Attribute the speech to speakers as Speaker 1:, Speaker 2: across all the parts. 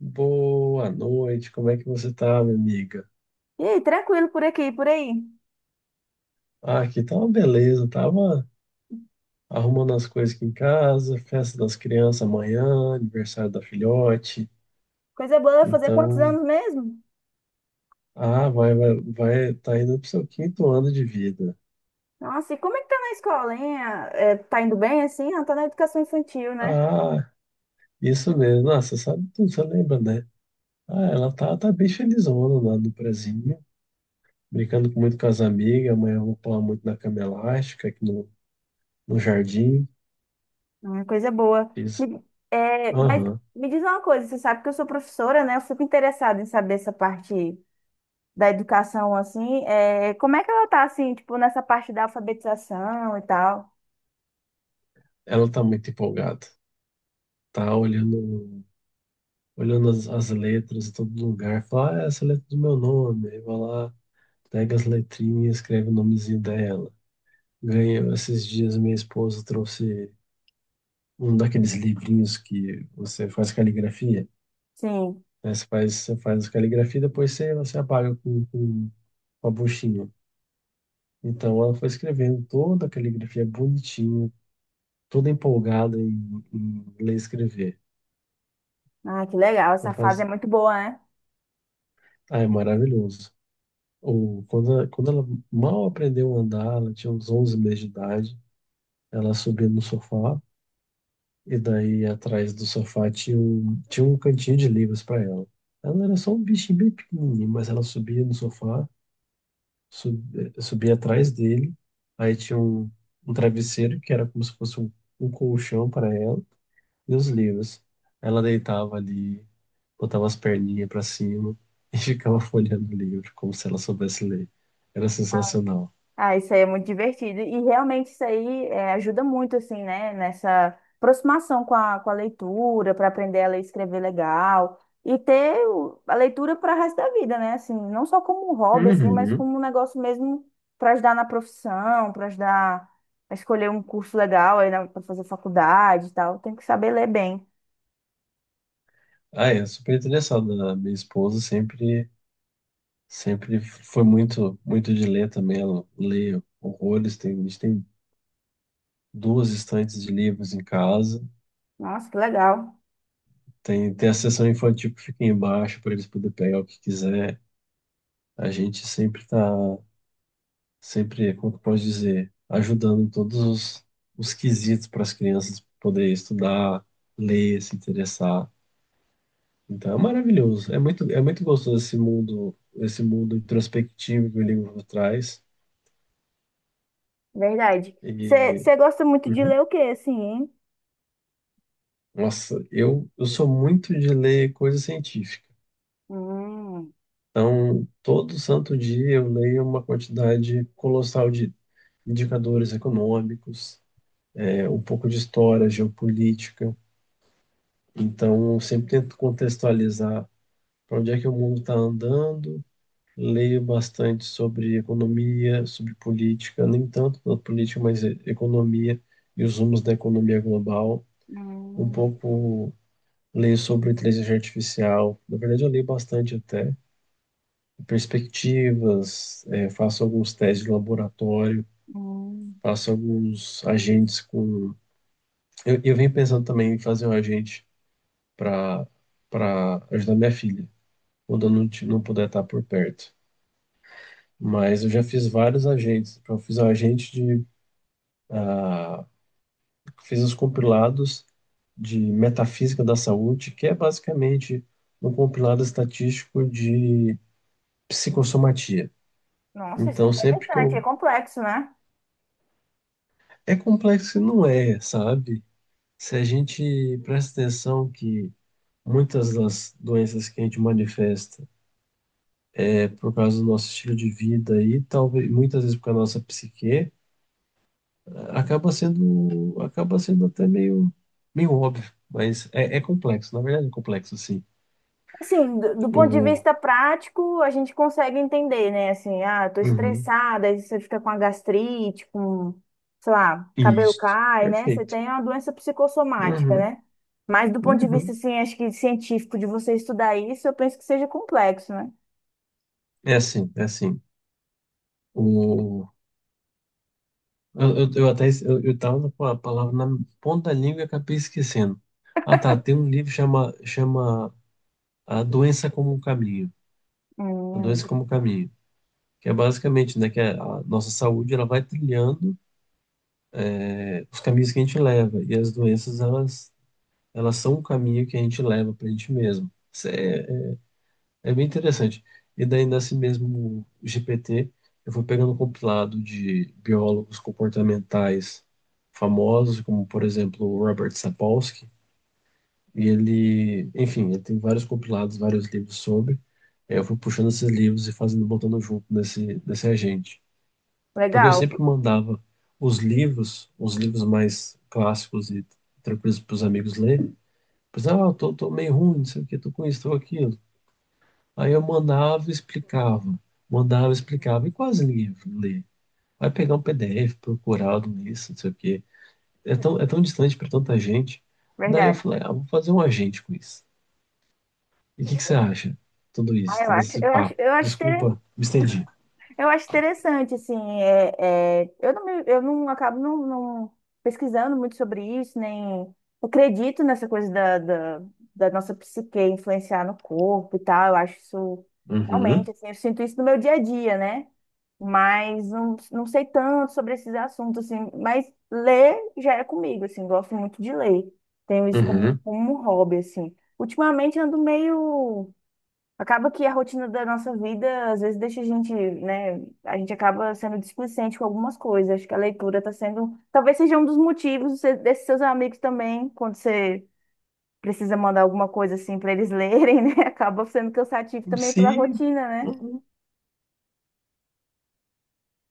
Speaker 1: Boa noite, como é que você tá, minha amiga?
Speaker 2: E aí, tranquilo por aqui, por aí.
Speaker 1: Ah, aqui tá uma beleza, tava arrumando as coisas aqui em casa, festa das crianças amanhã, aniversário da filhote.
Speaker 2: Coisa boa, fazer quantos
Speaker 1: Então,
Speaker 2: anos mesmo?
Speaker 1: ah, vai, tá indo pro seu quinto ano de vida.
Speaker 2: Nossa, e como é que tá na escola, hein? Ah, é, tá indo bem assim? Ah, tá na educação infantil, né?
Speaker 1: Ah, isso mesmo, nossa, você sabe tudo, você lembra, né? Ah, ela tá bem felizona lá no prezinho, brincando com muito com as amigas, amanhã eu vou pular muito na cama elástica aqui no, no jardim.
Speaker 2: Ah, coisa boa.
Speaker 1: Fiz,
Speaker 2: Me- é, mas
Speaker 1: aham,
Speaker 2: me diz uma coisa, você sabe que eu sou professora, né? Eu fico interessada em saber essa parte da educação, assim. É, como é que ela tá, assim, tipo, nessa parte da alfabetização e tal?
Speaker 1: ela tá muito empolgada. Tá olhando as letras em todo lugar, fala, ah, essa é a letra do meu nome, aí vai lá, pega as letrinhas e escreve o nomezinho dela. Ganhei, esses dias minha esposa trouxe um daqueles livrinhos que você faz caligrafia,
Speaker 2: Sim.
Speaker 1: né? Você faz caligrafia e depois você apaga com uma buchinha. Então ela foi escrevendo toda a caligrafia bonitinha, toda empolgada em ler e escrever.
Speaker 2: Ah, que legal, essa
Speaker 1: Ela
Speaker 2: fase é
Speaker 1: faz,
Speaker 2: muito boa, né?
Speaker 1: ah, é maravilhoso. Ou quando ela mal aprendeu a andar, ela tinha uns 11 meses de idade, ela subia no sofá e daí atrás do sofá tinha tinha um cantinho de livros para ela. Ela era só um bichinho bem pequenininho, mas ela subia no sofá, sub, subia atrás dele, aí tinha um travesseiro que era como se fosse um colchão para ela e os livros. Ela deitava ali, botava as perninhas para cima e ficava folheando o livro como se ela soubesse ler. Era sensacional.
Speaker 2: Ah, isso aí é muito divertido. E realmente isso aí ajuda muito, assim, né? Nessa aproximação com a leitura, para aprender a ler e escrever legal. E ter a leitura para o resto da vida, né? Assim, não só como um hobby, assim, mas
Speaker 1: Uhum.
Speaker 2: como um negócio mesmo para ajudar na profissão, para ajudar a escolher um curso legal aí para fazer faculdade e tal. Tem que saber ler bem.
Speaker 1: Ah, é super interessado, né? A minha esposa sempre, sempre foi muito de ler também. Ela lê horrores. Tem, a gente tem duas estantes de livros em casa.
Speaker 2: Nossa, que legal.
Speaker 1: Tem a seção infantil que fica embaixo para eles poderem pegar o que quiser. A gente sempre está, sempre, Como que eu posso dizer, ajudando em todos os quesitos para as crianças poderem estudar, ler, se interessar. Então é maravilhoso. É muito gostoso esse mundo introspectivo que o livro traz.
Speaker 2: Verdade.
Speaker 1: E,
Speaker 2: Você gosta muito de
Speaker 1: uhum.
Speaker 2: ler o quê, assim, hein?
Speaker 1: Nossa, eu sou muito de ler coisa científica.
Speaker 2: Hum,
Speaker 1: Então, todo santo dia eu leio uma quantidade colossal de indicadores econômicos, é, um pouco de história, geopolítica. Então, eu sempre tento contextualizar para onde é que o mundo está andando. Leio bastante sobre economia, sobre política, nem tanto na política, mas economia e os rumos da economia global. Um
Speaker 2: hum,
Speaker 1: pouco leio sobre inteligência artificial. Na verdade, eu leio bastante até perspectivas, eh, faço alguns testes de laboratório,
Speaker 2: hum.
Speaker 1: faço alguns agentes com. Eu venho pensando também em fazer um agente para para ajudar minha filha, quando eu não, não puder estar por perto. Mas eu já fiz vários agentes. Eu fiz um agente de ah, fiz os compilados de Metafísica da Saúde, que é basicamente um compilado estatístico de psicossomatia.
Speaker 2: Nossa, isso é
Speaker 1: Então, sempre que
Speaker 2: interessante, é
Speaker 1: eu.
Speaker 2: complexo, né?
Speaker 1: É complexo e não é, sabe? Se a gente presta atenção que muitas das doenças que a gente manifesta é por causa do nosso estilo de vida e talvez muitas vezes por causa da nossa psique, acaba sendo até meio óbvio. Mas é, é complexo, na verdade é complexo, sim.
Speaker 2: Assim, do ponto de
Speaker 1: O,
Speaker 2: vista prático, a gente consegue entender, né? Assim, ah, eu tô
Speaker 1: uhum.
Speaker 2: estressada, aí você fica com a gastrite, com, sei lá, cabelo
Speaker 1: Isto.
Speaker 2: cai, né? Você
Speaker 1: Perfeito.
Speaker 2: tem uma doença psicossomática,
Speaker 1: Uhum.
Speaker 2: né? Mas do ponto de vista,
Speaker 1: Uhum.
Speaker 2: assim, acho que científico de você estudar isso, eu penso que seja complexo, né?
Speaker 1: É assim, é assim. O... eu até es- eu tava com a palavra na ponta da língua e acabei esquecendo. Ah, tá. Tem um livro que chama A Doença como um Caminho. A
Speaker 2: Hum,
Speaker 1: Doença como um Caminho. Que é basicamente, né, que a nossa saúde ela vai trilhando é, os caminhos que a gente leva. E as doenças, elas são um caminho que a gente leva para a gente mesmo. Isso é é bem interessante. E daí, nesse mesmo GPT, eu fui pegando um compilado de biólogos comportamentais famosos, como, por exemplo, o Robert Sapolsky. E ele, enfim, ele tem vários compilados, vários livros sobre. Aí eu fui puxando esses livros e fazendo, botando nesse agente. Porque eu
Speaker 2: legal,
Speaker 1: sempre mandava os livros mais clássicos e tranquilos para os amigos lerem. Pois, ah, eu tô meio ruim, não sei o que, tô com isso, tô com aquilo. Aí eu mandava e explicava, e quase ninguém lê. Vai pegar um PDF procurado nisso, não sei o quê. É tão distante para tanta gente. Daí eu
Speaker 2: verdade.
Speaker 1: falei, ah, vou fazer um agente com isso. E o que que você acha? Tudo
Speaker 2: Ah,
Speaker 1: isso,
Speaker 2: eu
Speaker 1: todo
Speaker 2: acho,
Speaker 1: esse
Speaker 2: eu acho,
Speaker 1: papo.
Speaker 2: eu acho
Speaker 1: Desculpa, me estendi.
Speaker 2: Eu acho interessante, assim, eu não, eu não acabo não pesquisando muito sobre isso, nem eu acredito nessa coisa da nossa psique influenciar no corpo e tal, eu acho isso realmente,
Speaker 1: Uhum,
Speaker 2: assim, eu sinto isso no meu dia a dia, né? Mas não sei tanto sobre esses assuntos, assim, mas ler já é comigo, assim, gosto muito de ler, tenho isso como,
Speaker 1: uhum.
Speaker 2: como um hobby, assim. Ultimamente ando meio. Acaba que a rotina da nossa vida, às vezes, deixa a gente, né? A gente acaba sendo displicente com algumas coisas. Acho que a leitura está sendo. Talvez seja um dos motivos de desses seus amigos também, quando você precisa mandar alguma coisa assim para eles lerem, né? Acaba sendo cansativo também pela
Speaker 1: Sim,
Speaker 2: rotina, né?
Speaker 1: uhum.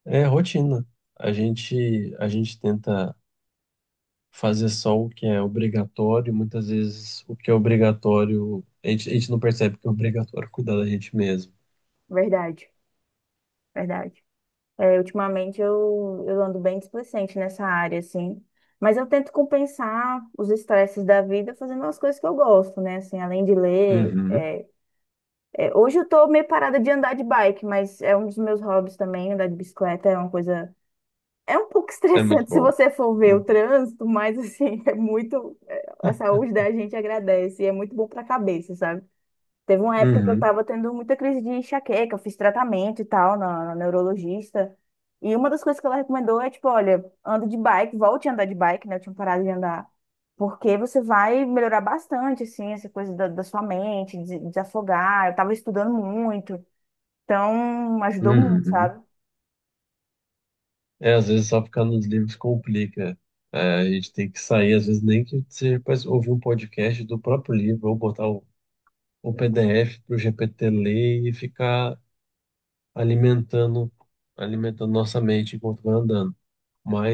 Speaker 1: É rotina. A gente tenta fazer só o que é obrigatório, e muitas vezes o que é obrigatório, a gente não percebe que é obrigatório cuidar da gente mesmo.
Speaker 2: Verdade, verdade. É, ultimamente eu ando bem displicente nessa área, assim. Mas eu tento compensar os estresses da vida fazendo as coisas que eu gosto, né? Assim, além de ler.
Speaker 1: Uhum.
Speaker 2: É, hoje eu tô meio parada de andar de bike, mas é um dos meus hobbies também, andar de bicicleta é uma coisa. É um pouco
Speaker 1: É muito
Speaker 2: estressante se
Speaker 1: bom.
Speaker 2: você for ver o
Speaker 1: Uhum.
Speaker 2: trânsito, mas assim, é muito. A saúde da gente agradece e é muito bom pra cabeça, sabe? Teve uma época que eu
Speaker 1: Uhum.
Speaker 2: tava tendo muita crise de enxaqueca, eu fiz tratamento e tal na neurologista. E uma das coisas que ela recomendou é, tipo, olha, anda de bike, volte a andar de bike, né? Eu tinha parado de andar. Porque você vai melhorar bastante, assim, essa coisa da sua mente, de desafogar. Eu tava estudando muito, então ajudou muito,
Speaker 1: Uhum.
Speaker 2: sabe?
Speaker 1: É, às vezes só ficar nos livros complica. É, a gente tem que sair, às vezes nem que seja para ouvir um podcast do próprio livro, ou botar o PDF para o GPT ler e ficar alimentando, alimentando nossa mente enquanto vai andando.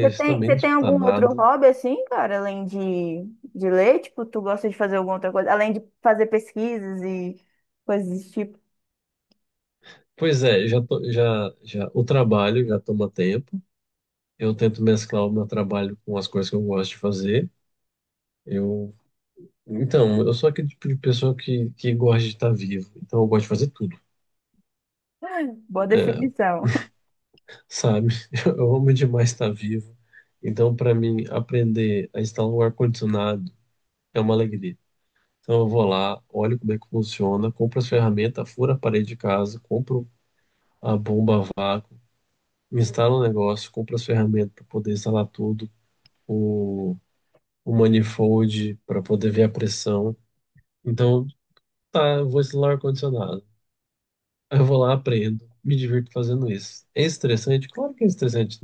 Speaker 1: também
Speaker 2: Você
Speaker 1: não
Speaker 2: tem
Speaker 1: escutar
Speaker 2: algum outro
Speaker 1: nada.
Speaker 2: hobby, assim, cara, além de ler? Tipo, tu gosta de fazer alguma outra coisa? Além de fazer pesquisas e coisas desse tipo?
Speaker 1: Pois é, já, já o trabalho já toma tempo. Eu tento mesclar o meu trabalho com as coisas que eu gosto de fazer. Eu então, eu sou aquele tipo de pessoa que gosta de estar vivo. Então, eu gosto de fazer tudo,
Speaker 2: Boa
Speaker 1: é,
Speaker 2: definição.
Speaker 1: sabe? Eu amo demais estar vivo. Então, para mim, aprender a instalar um ar-condicionado é uma alegria. Então, eu vou lá, olho como é que funciona, compro as ferramentas, furo a parede de casa, compro a bomba a vácuo, instalo o negócio, compro as ferramentas para poder instalar tudo, o, o manifold para poder ver a pressão. Então, tá, eu vou instalar o ar-condicionado. Eu vou lá, aprendo, me divirto fazendo isso. É estressante? Claro que é estressante.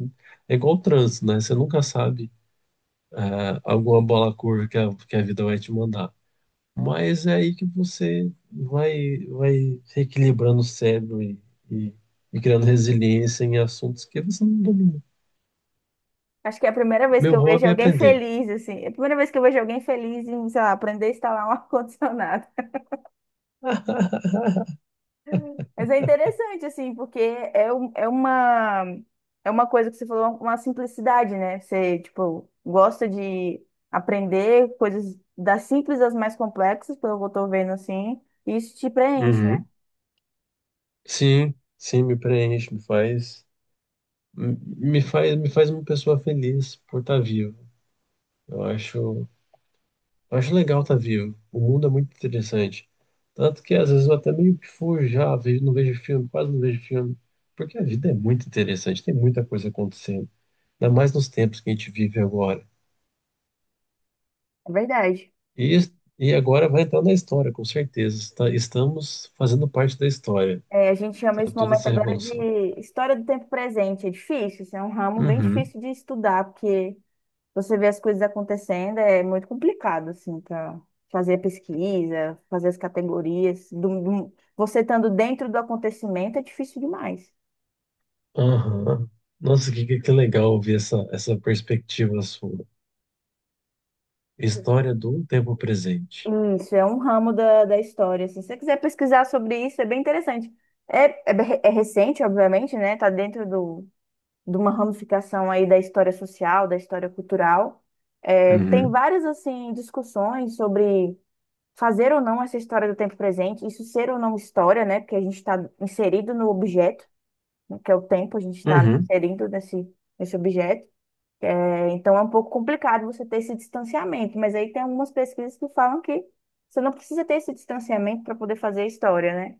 Speaker 1: É igual o trânsito, né? Você nunca sabe ah, alguma bola curva que que a vida vai te mandar. Mas é aí que você vai reequilibrando o cérebro e, e criando resiliência em assuntos que você não domina.
Speaker 2: Acho que é a primeira vez que
Speaker 1: Meu
Speaker 2: eu vejo
Speaker 1: hobby é
Speaker 2: alguém
Speaker 1: aprender.
Speaker 2: feliz, assim. É a primeira vez que eu vejo alguém feliz em, sei lá, aprender a instalar um ar-condicionado. Mas é interessante, assim, porque é uma coisa que você falou, uma simplicidade, né? Você, tipo, gosta de aprender coisas das simples às mais complexas, pelo que eu tô vendo, assim. E isso te preenche, né?
Speaker 1: Uhum. Sim, sim, me preenche, me faz uma pessoa feliz por estar vivo. Eu acho, eu acho legal tá vivo. O mundo é muito interessante. Tanto que às vezes eu até meio que fujo já, vejo, não vejo filme, quase não vejo filme. Porque a vida é muito interessante, tem muita coisa acontecendo. Ainda mais nos tempos que a gente vive agora.
Speaker 2: É verdade.
Speaker 1: E, es- e agora vai entrar na história, com certeza. Estamos fazendo parte da história,
Speaker 2: É, a gente chama
Speaker 1: sabe?
Speaker 2: esse
Speaker 1: Toda
Speaker 2: momento
Speaker 1: essa
Speaker 2: agora de
Speaker 1: revolução.
Speaker 2: história do tempo presente. É difícil, isso é um ramo bem
Speaker 1: Uhum.
Speaker 2: difícil de estudar, porque você vê as coisas acontecendo, é muito complicado, assim, para fazer a pesquisa, fazer as categorias. Você estando dentro do acontecimento é difícil demais.
Speaker 1: Aham. Nossa, que legal ouvir essa perspectiva sua. História do tempo presente.
Speaker 2: Isso, é um ramo da história, assim. Se você quiser pesquisar sobre isso, é bem interessante. É recente, obviamente, né? Tá dentro de uma ramificação aí da história social, da história cultural. É, tem
Speaker 1: Uhum.
Speaker 2: várias, assim, discussões sobre fazer ou não essa história do tempo presente, isso ser ou não história, né? Porque a gente está inserido no objeto, né, que é o tempo, a gente está
Speaker 1: Uhum.
Speaker 2: inserido nesse objeto. É, então é um pouco complicado você ter esse distanciamento, mas aí tem algumas pesquisas que falam que você não precisa ter esse distanciamento para poder fazer a história, né?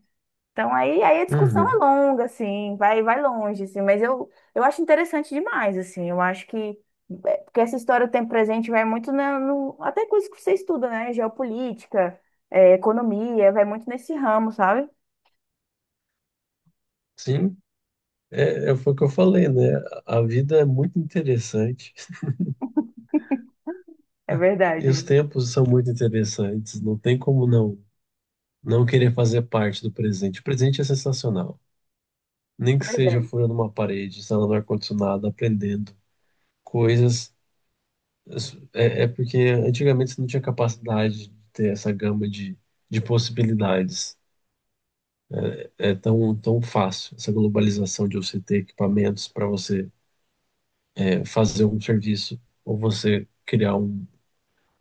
Speaker 2: Então aí a discussão é
Speaker 1: Uhum.
Speaker 2: longa, assim, vai longe, assim, mas eu acho interessante demais, assim, eu acho que, é, porque essa história do tempo presente vai muito na, no, até coisas que você estuda, né, geopolítica, é, economia, vai muito nesse ramo, sabe?
Speaker 1: Sim. É, é, foi o que eu falei, né? A vida é muito interessante
Speaker 2: É verdade,
Speaker 1: e os
Speaker 2: viu?
Speaker 1: tempos são muito interessantes. Não tem como não querer fazer parte do presente. O presente é sensacional. Nem
Speaker 2: É
Speaker 1: que seja
Speaker 2: verdade,
Speaker 1: furando uma parede, instalando ar-condicionado, aprendendo coisas. É, é porque antigamente você não tinha capacidade de ter essa gama de possibilidades. É tão, tão fácil essa globalização de você ter equipamentos para você é, fazer um serviço ou você criar um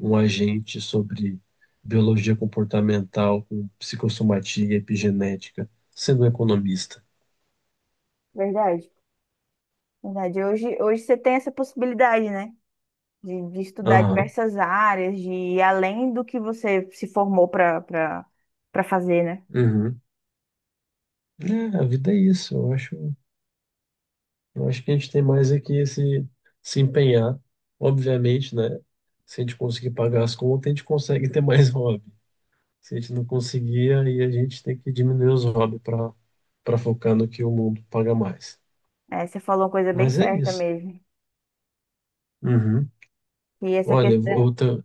Speaker 1: um agente sobre biologia comportamental com psicossomatia e epigenética, sendo um economista.
Speaker 2: verdade, verdade. Hoje você tem essa possibilidade, né, de estudar
Speaker 1: Aham.
Speaker 2: diversas áreas, de ir além do que você se formou para para fazer, né?
Speaker 1: Uhum. É, a vida é isso. Eu acho que a gente tem mais aqui esse se empenhar. Obviamente, né? Se a gente conseguir pagar as contas, a gente consegue ter mais hobby. Se a gente não conseguir, aí a gente tem que diminuir os hobbies para focar no que o mundo paga mais.
Speaker 2: É, você falou uma coisa bem
Speaker 1: Mas é
Speaker 2: certa
Speaker 1: isso.
Speaker 2: mesmo.
Speaker 1: Uhum.
Speaker 2: E essa
Speaker 1: Olha, eu
Speaker 2: questão.
Speaker 1: vou- eu tô-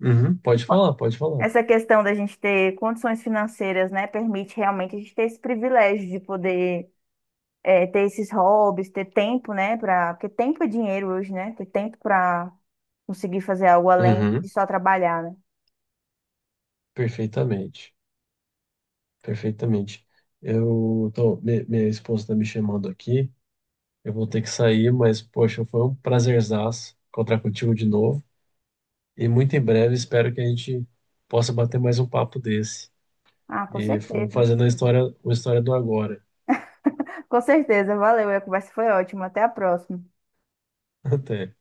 Speaker 1: uhum. Pode falar, pode falar.
Speaker 2: Essa questão da gente ter condições financeiras, né, permite realmente a gente ter esse privilégio de poder é, ter esses hobbies, ter tempo, né, para porque tempo é dinheiro hoje, né, ter tempo para conseguir fazer algo além de
Speaker 1: Uhum.
Speaker 2: só trabalhar, né?
Speaker 1: Perfeitamente, perfeitamente. Eu tô, minha esposa está me chamando aqui. Eu vou ter que sair, mas poxa, foi um prazerzaço encontrar contigo de novo. E muito em breve espero que a gente possa bater mais um papo desse.
Speaker 2: Ah, com
Speaker 1: E vamos
Speaker 2: certeza.
Speaker 1: fazendo a história, uma história do agora.
Speaker 2: Com certeza, valeu. A conversa foi ótima. Até a próxima.
Speaker 1: Até.